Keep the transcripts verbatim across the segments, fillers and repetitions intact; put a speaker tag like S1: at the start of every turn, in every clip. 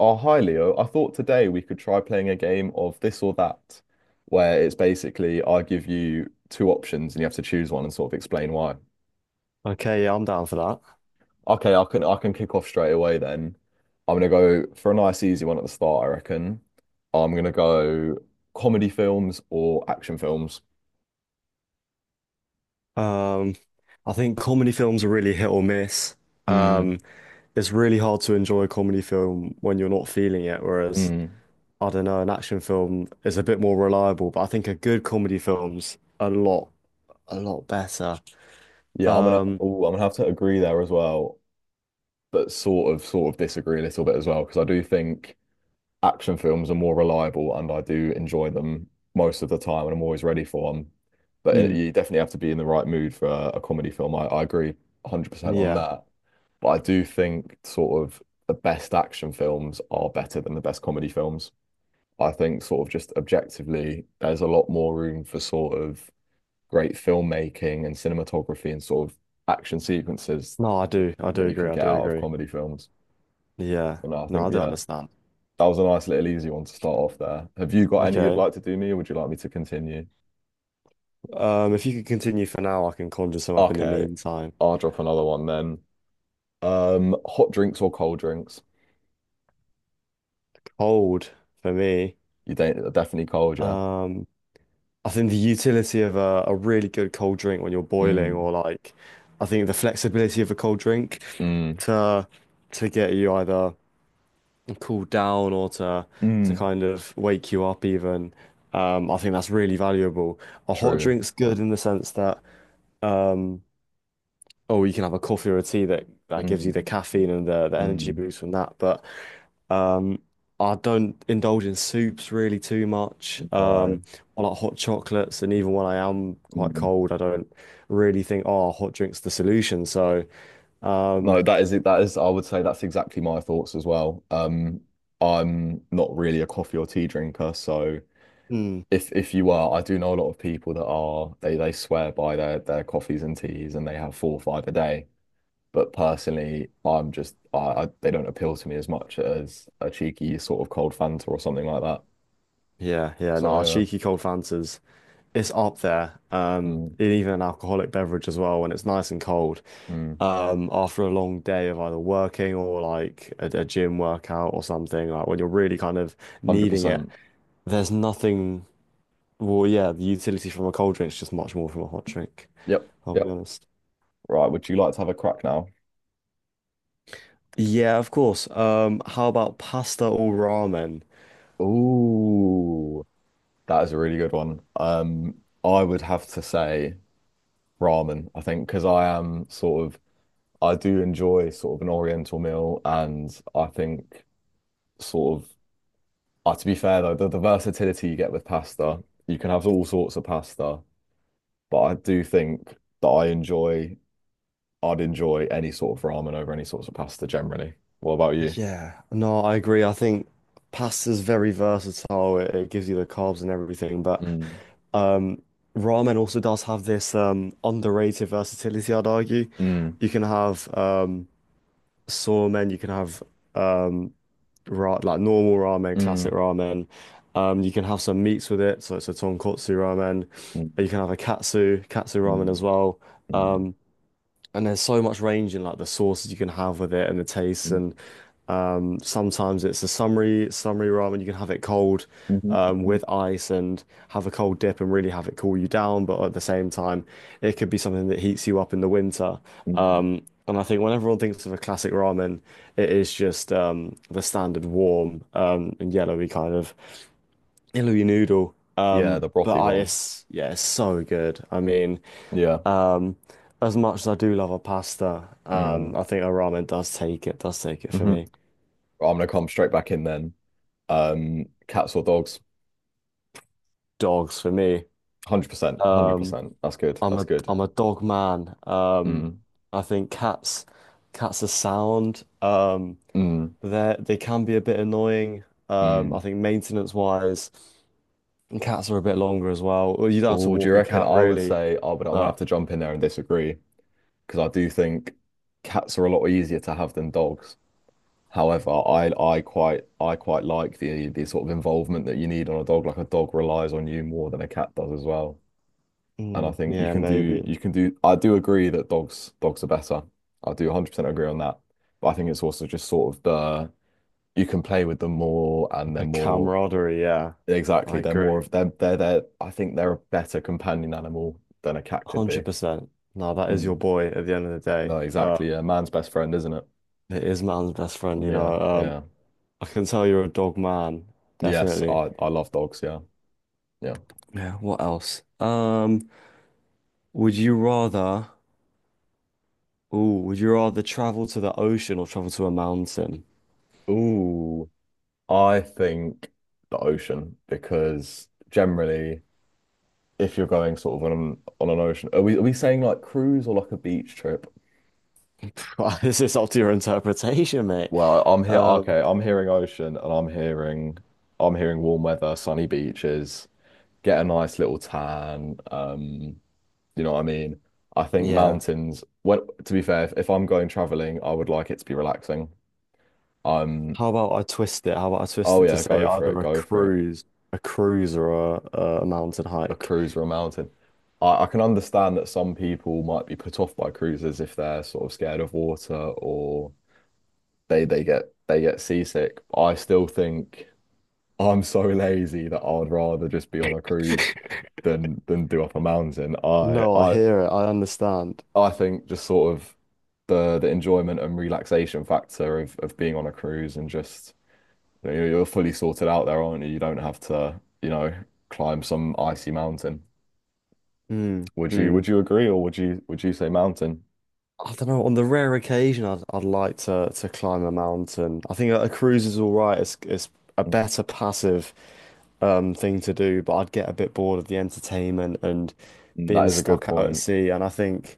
S1: Oh, hi Leo. I thought today we could try playing a game of this or that, where it's basically I give you two options and you have to choose one and sort of explain why.
S2: Okay, yeah, I'm down for that.
S1: Okay, I can I can kick off straight away then. I'm gonna go for a nice easy one at the start, I reckon. I'm gonna go comedy films or action films.
S2: Um, I think comedy films are really hit or miss.
S1: Mm,
S2: Um, it's really hard to enjoy a comedy film when you're not feeling it, whereas
S1: mm.
S2: I don't know, an action film is a bit more reliable, but I think a good comedy film's a lot, a lot better.
S1: Yeah, I'm gonna
S2: Um,
S1: oh, I'm gonna have to agree there as well, but sort of sort of disagree a little bit as well, because I do think action films are more reliable and I do enjoy them most of the time and I'm always ready for them. But it,
S2: mm,
S1: you definitely have to be in the right mood for a, a comedy film. I, I agree one hundred percent on
S2: yeah.
S1: that. But I do think sort of the best action films are better than the best comedy films. I think sort of just objectively, there's a lot more room for sort of great filmmaking and cinematography and sort of action sequences
S2: No, I do. I do
S1: that you
S2: agree.
S1: can
S2: I
S1: get
S2: do
S1: out of
S2: agree.
S1: comedy films.
S2: Yeah.
S1: And I
S2: No,
S1: think,
S2: I do
S1: yeah,
S2: understand.
S1: that was a nice little easy one to start off there. Have you got any you'd
S2: Okay.
S1: like to do me, or would you like me to continue?
S2: Um, if you could continue for now, I can conjure some up in the
S1: Okay,
S2: meantime.
S1: I'll drop another one then. Um, hot drinks or cold drinks?
S2: Cold for me.
S1: You don't Definitely cold, yeah.
S2: Um, I think the utility of a, a really good cold drink when you're boiling,
S1: Mm,
S2: or like, I think the flexibility of a cold drink
S1: mm,
S2: to to get you either cool down or to to
S1: mm.
S2: kind of wake you up even. Um, I think that's really valuable. A hot
S1: True.
S2: drink's good in the sense that um, or you can have a coffee or a tea that that gives you
S1: Mm,
S2: the caffeine and the the energy
S1: mm.
S2: boost from that. But um, I don't indulge in soups really too much.
S1: No.
S2: Um, I like hot chocolates, and even when I am quite
S1: Mm.
S2: cold, I don't really think, oh, hot drink's the solution. So, um,
S1: No, that is it. That is, I would say that's exactly my thoughts as well. Um, I'm not really a coffee or tea drinker, so
S2: mm,
S1: if if you are, I do know a lot of people that are they they swear by their their coffees and teas and they have four or five a day. But personally, I'm just I, I they don't appeal to me as much as a cheeky sort of cold Fanta or something like that.
S2: yeah, yeah, no,
S1: So
S2: cheeky cold Fantas. It's up there.
S1: yeah,
S2: Um,
S1: mm,
S2: and even an alcoholic beverage as well when it's nice and cold.
S1: mm,
S2: Um, after a long day of either working or like a, a gym workout or something, like when you're really kind of needing it,
S1: one hundred percent.
S2: there's nothing. Well, yeah, the utility from a cold drink is just much more from a hot drink.
S1: Yep,
S2: I'll be
S1: yep.
S2: honest.
S1: Right, would you like to have a crack now?
S2: Yeah, of course. Um, how about pasta or ramen?
S1: Ooh, that is a really good one. Um, I would have to say ramen, I think, because I am sort of I do enjoy sort of an oriental meal, and I think sort of uh, to be fair though, the, the versatility you get with pasta, you can have all sorts of pasta. But I do think that I enjoy, I'd enjoy any sort of ramen over any sorts of pasta generally. What about you?
S2: Yeah, no, I agree. I think pasta's very versatile. It, it gives you the carbs and everything, but
S1: Mm,
S2: um, ramen also does have this um, underrated versatility, I'd argue.
S1: mm,
S2: You can have um, somen, you can have um, ra like normal ramen, classic
S1: mm,
S2: ramen. Um, you can have some meats with it, so it's a tonkotsu ramen.
S1: mm,
S2: You can have a katsu, katsu ramen as
S1: mm,
S2: well.
S1: mm,
S2: Um, and there's so much range in like the sauces you can have with it and the tastes.
S1: mm,
S2: And um sometimes it's a summary summary ramen, you can have it cold
S1: mhm,
S2: um
S1: mhm,
S2: with ice and have a cold dip and really have it cool you down, but at the same time it could be something that heats you up in the winter.
S1: mm.
S2: um and I think when everyone thinks of a classic ramen, it is just um the standard warm um and yellowy kind of yellowy noodle.
S1: Yeah,
S2: um
S1: the
S2: But
S1: brothy
S2: I,
S1: one.
S2: it's, yeah, it's so good. I mean,
S1: Yeah.
S2: um, as much as I do love a pasta, um,
S1: Mm.
S2: I think a ramen does take it, does take it for
S1: Hmm.
S2: me.
S1: I'm gonna come straight back in then. Um, cats or dogs?
S2: Dogs for me.
S1: one hundred percent,
S2: Um,
S1: one hundred percent. That's good.
S2: I'm
S1: That's
S2: a
S1: good.
S2: I'm a dog man. Um,
S1: Mm,
S2: I think cats cats are sound. Um,
S1: mm,
S2: they they can be a bit annoying. Um,
S1: mm.
S2: I think maintenance wise, and cats are a bit longer as well. Well, you don't have to
S1: Oh, do you
S2: walk a
S1: reckon
S2: cat
S1: I would
S2: really,
S1: say I would I'm gonna have
S2: but
S1: to jump in there and disagree, because I do think cats are a lot easier to have than dogs. However, I I quite I quite like the the sort of involvement that you need on a dog. Like a dog relies on you more than a cat does as well. And I
S2: mm,
S1: think you
S2: yeah,
S1: can do
S2: maybe
S1: you can do I do agree that dogs dogs are better. I do one hundred percent agree on that. But I think it's also just sort of the you can play with them more, and they're
S2: the
S1: more,
S2: camaraderie. Yeah,
S1: exactly,
S2: I
S1: they're more
S2: agree.
S1: of they're they're, they're I think they're a better companion animal than a cat could be.
S2: one hundred percent. No, that is your
S1: Mm.
S2: boy at the end of the day.
S1: No, exactly.
S2: Um,
S1: Yeah, man's best friend, isn't it?
S2: it is man's best friend, you
S1: Yeah,
S2: know. Um,
S1: yeah.
S2: I can tell you're a dog man,
S1: Yes,
S2: definitely.
S1: I I love dogs. Yeah, yeah.
S2: Yeah, what else? Um, would you rather, ooh, would you rather travel to the ocean or travel to a mountain?
S1: Ooh. I think the ocean, because generally, if you're going sort of on an, on an ocean, are we are we saying like cruise or like a beach trip?
S2: This is up to your interpretation, mate.
S1: Well, I'm here.
S2: Um,
S1: Okay, I'm hearing ocean and I'm hearing I'm hearing warm weather, sunny beaches, get a nice little tan. Um, you know what I mean? I think
S2: yeah.
S1: mountains. Well, to be fair, if, if I'm going traveling, I would like it to be relaxing. Um,
S2: How about I twist it? How about I twist
S1: oh
S2: it to
S1: yeah,
S2: say
S1: go for it,
S2: either a
S1: go for it.
S2: cruise, a cruise or a, a mountain
S1: A
S2: hike?
S1: cruise or a mountain. I, I can understand that some people might be put off by cruises if they're sort of scared of water or they they get they get seasick. I still think I'm so lazy that I'd rather just be on a cruise than than do up a mountain. I
S2: No, I
S1: I
S2: hear it. I understand.
S1: I think just sort of the the enjoyment and relaxation factor of of being on a cruise, and just you know, you're fully sorted out there, aren't you? You don't have to, you know, climb some icy mountain.
S2: Mm,
S1: Would you
S2: mm.
S1: would you agree, or would you would you say mountain?
S2: I don't know. On the rare occasion, I'd I'd like to to climb a mountain. I think a, a cruise is all right. It's it's a better passive um thing to do, but I'd get a bit bored of the entertainment and
S1: Mm. That
S2: being
S1: is a good
S2: stuck out at
S1: point.
S2: sea. And I think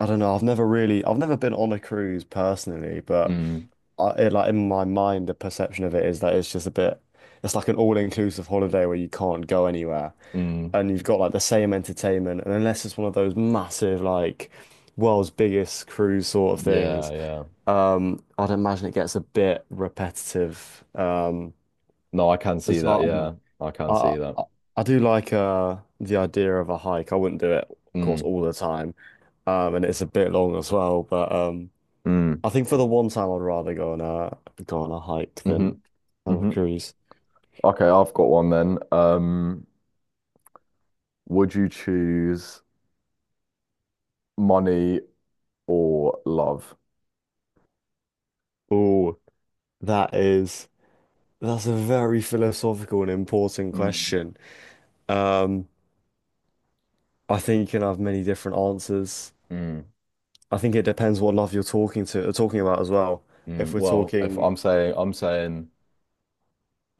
S2: I don't know. I've never really I've never been on a cruise personally, but
S1: Mm,
S2: I, it, like in my mind, the perception of it is that it's just a bit. It's like an all-inclusive holiday where you can't go anywhere
S1: mm,
S2: and you've got like the same entertainment, and unless it's one of those massive like world's biggest cruise sort of
S1: yeah,
S2: things,
S1: yeah.
S2: um, I'd imagine it gets a bit repetitive. Um,
S1: No, I can
S2: and
S1: see
S2: so
S1: that.
S2: I, don't
S1: Yeah,
S2: know.
S1: I can
S2: I
S1: see that.
S2: I I do like uh the idea of a hike. I wouldn't do it, of course,
S1: Mm,
S2: all the time, um, and it's a bit long as well. But um,
S1: mm,
S2: I think for the one time, I'd rather go on a go on a hike
S1: hmm,
S2: than on a
S1: hmm.
S2: cruise.
S1: Okay, I've got one then. Um, would you choose money or love?
S2: Oh, that is. That's a very philosophical and important
S1: Mm,
S2: question. Um, I think you can have many different answers.
S1: mm,
S2: I think it depends what love you're talking to, talking about as well. If
S1: mm.
S2: we're
S1: Well, if
S2: talking,
S1: I'm saying I'm saying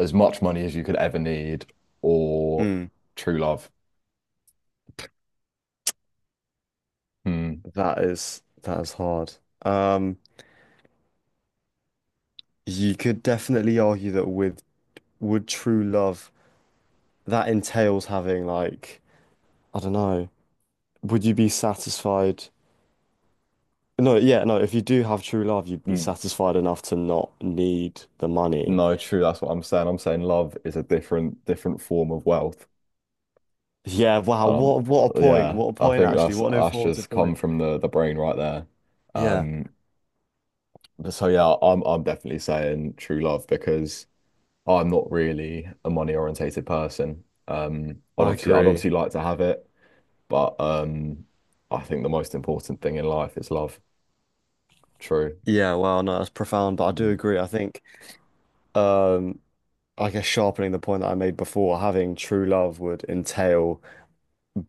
S1: as much money as you could ever need, or
S2: Mm,
S1: true love. Mm,
S2: that is that is hard. Um, you could definitely argue that with would true love that entails having like I don't know. Would you be satisfied? No, yeah, no. If you do have true love, you'd be
S1: mm.
S2: satisfied enough to not need the money.
S1: No, true. That's what I'm saying. I'm saying love is a different different form of wealth.
S2: Yeah, wow,
S1: Um,
S2: what what a point.
S1: yeah,
S2: What a
S1: I
S2: point
S1: think
S2: actually.
S1: that's
S2: What an
S1: that's
S2: informative
S1: just come
S2: point.
S1: from the the brain right there.
S2: Yeah,
S1: Um, but so yeah, I'm I'm definitely saying true love, because I'm not really a money orientated person. Um, I'd
S2: I
S1: obviously I'd
S2: agree.
S1: obviously like to have it, but um, I think the most important thing in life is love. True.
S2: Yeah, wow, no, that's profound, but I do
S1: Mm.
S2: agree. I think um I guess sharpening the point that I made before, having true love would entail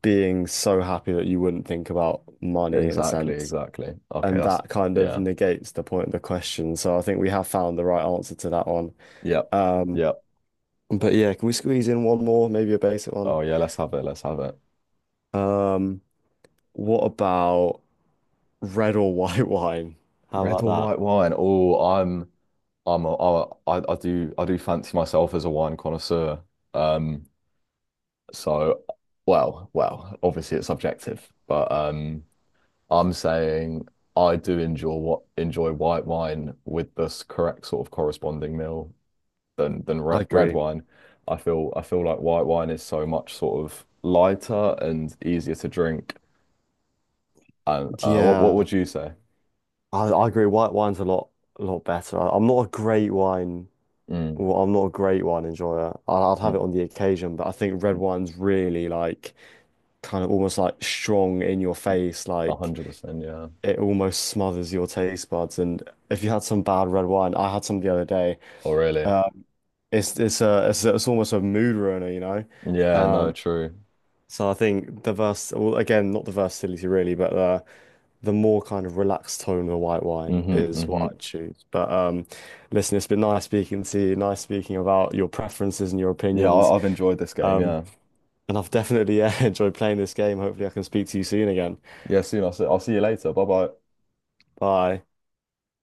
S2: being so happy that you wouldn't think about money in a
S1: Exactly,
S2: sense.
S1: exactly. Okay,
S2: And
S1: that's
S2: that kind of
S1: yeah.
S2: negates the point of the question. So I think we have found the right answer to that one.
S1: Yep.
S2: Um,
S1: Yep.
S2: but yeah, can we squeeze in one more, maybe a basic one?
S1: Oh yeah, let's have it. Let's have it.
S2: Um, what about red or white wine. How
S1: Red
S2: about
S1: or white
S2: that?
S1: wine? Oh, I'm I'm a, I, I I do I do fancy myself as a wine connoisseur. Um, so, well, well, obviously it's subjective, but um, I'm saying I do enjoy what enjoy white wine with this correct sort of corresponding meal, than than
S2: I
S1: red, red
S2: agree.
S1: wine. I feel I feel like white wine is so much sort of lighter and easier to drink. And uh, what what
S2: Yeah,
S1: would you say?
S2: I, I agree. White wine's a lot a lot better. I, I'm not a great wine.
S1: Mm,
S2: Well, I'm not a great wine enjoyer. I, I'd have it
S1: mm,
S2: on the occasion, but I think red wine's really like kind of almost like strong in your face. Like
S1: one hundred percent, yeah.
S2: it almost smothers your taste buds. And if you had some bad red wine, I had some the other day.
S1: Oh, really?
S2: It's it's a it's, it's almost a mood ruiner, you know.
S1: Yeah, no, true.
S2: So I think the vers well, again, not the versatility really, but uh the more kind of relaxed tone of a white wine
S1: Hmm,
S2: is
S1: hmm.
S2: what I'd choose. But um, listen, it's been nice speaking to you, nice speaking about your preferences and your
S1: Yeah,
S2: opinions.
S1: I, I've enjoyed this game.
S2: Um,
S1: Yeah.
S2: and I've definitely uh, enjoyed playing this game. Hopefully, I can speak to you soon again.
S1: Yeah, soon. I'll see, I'll see you later. Bye bye.
S2: Bye.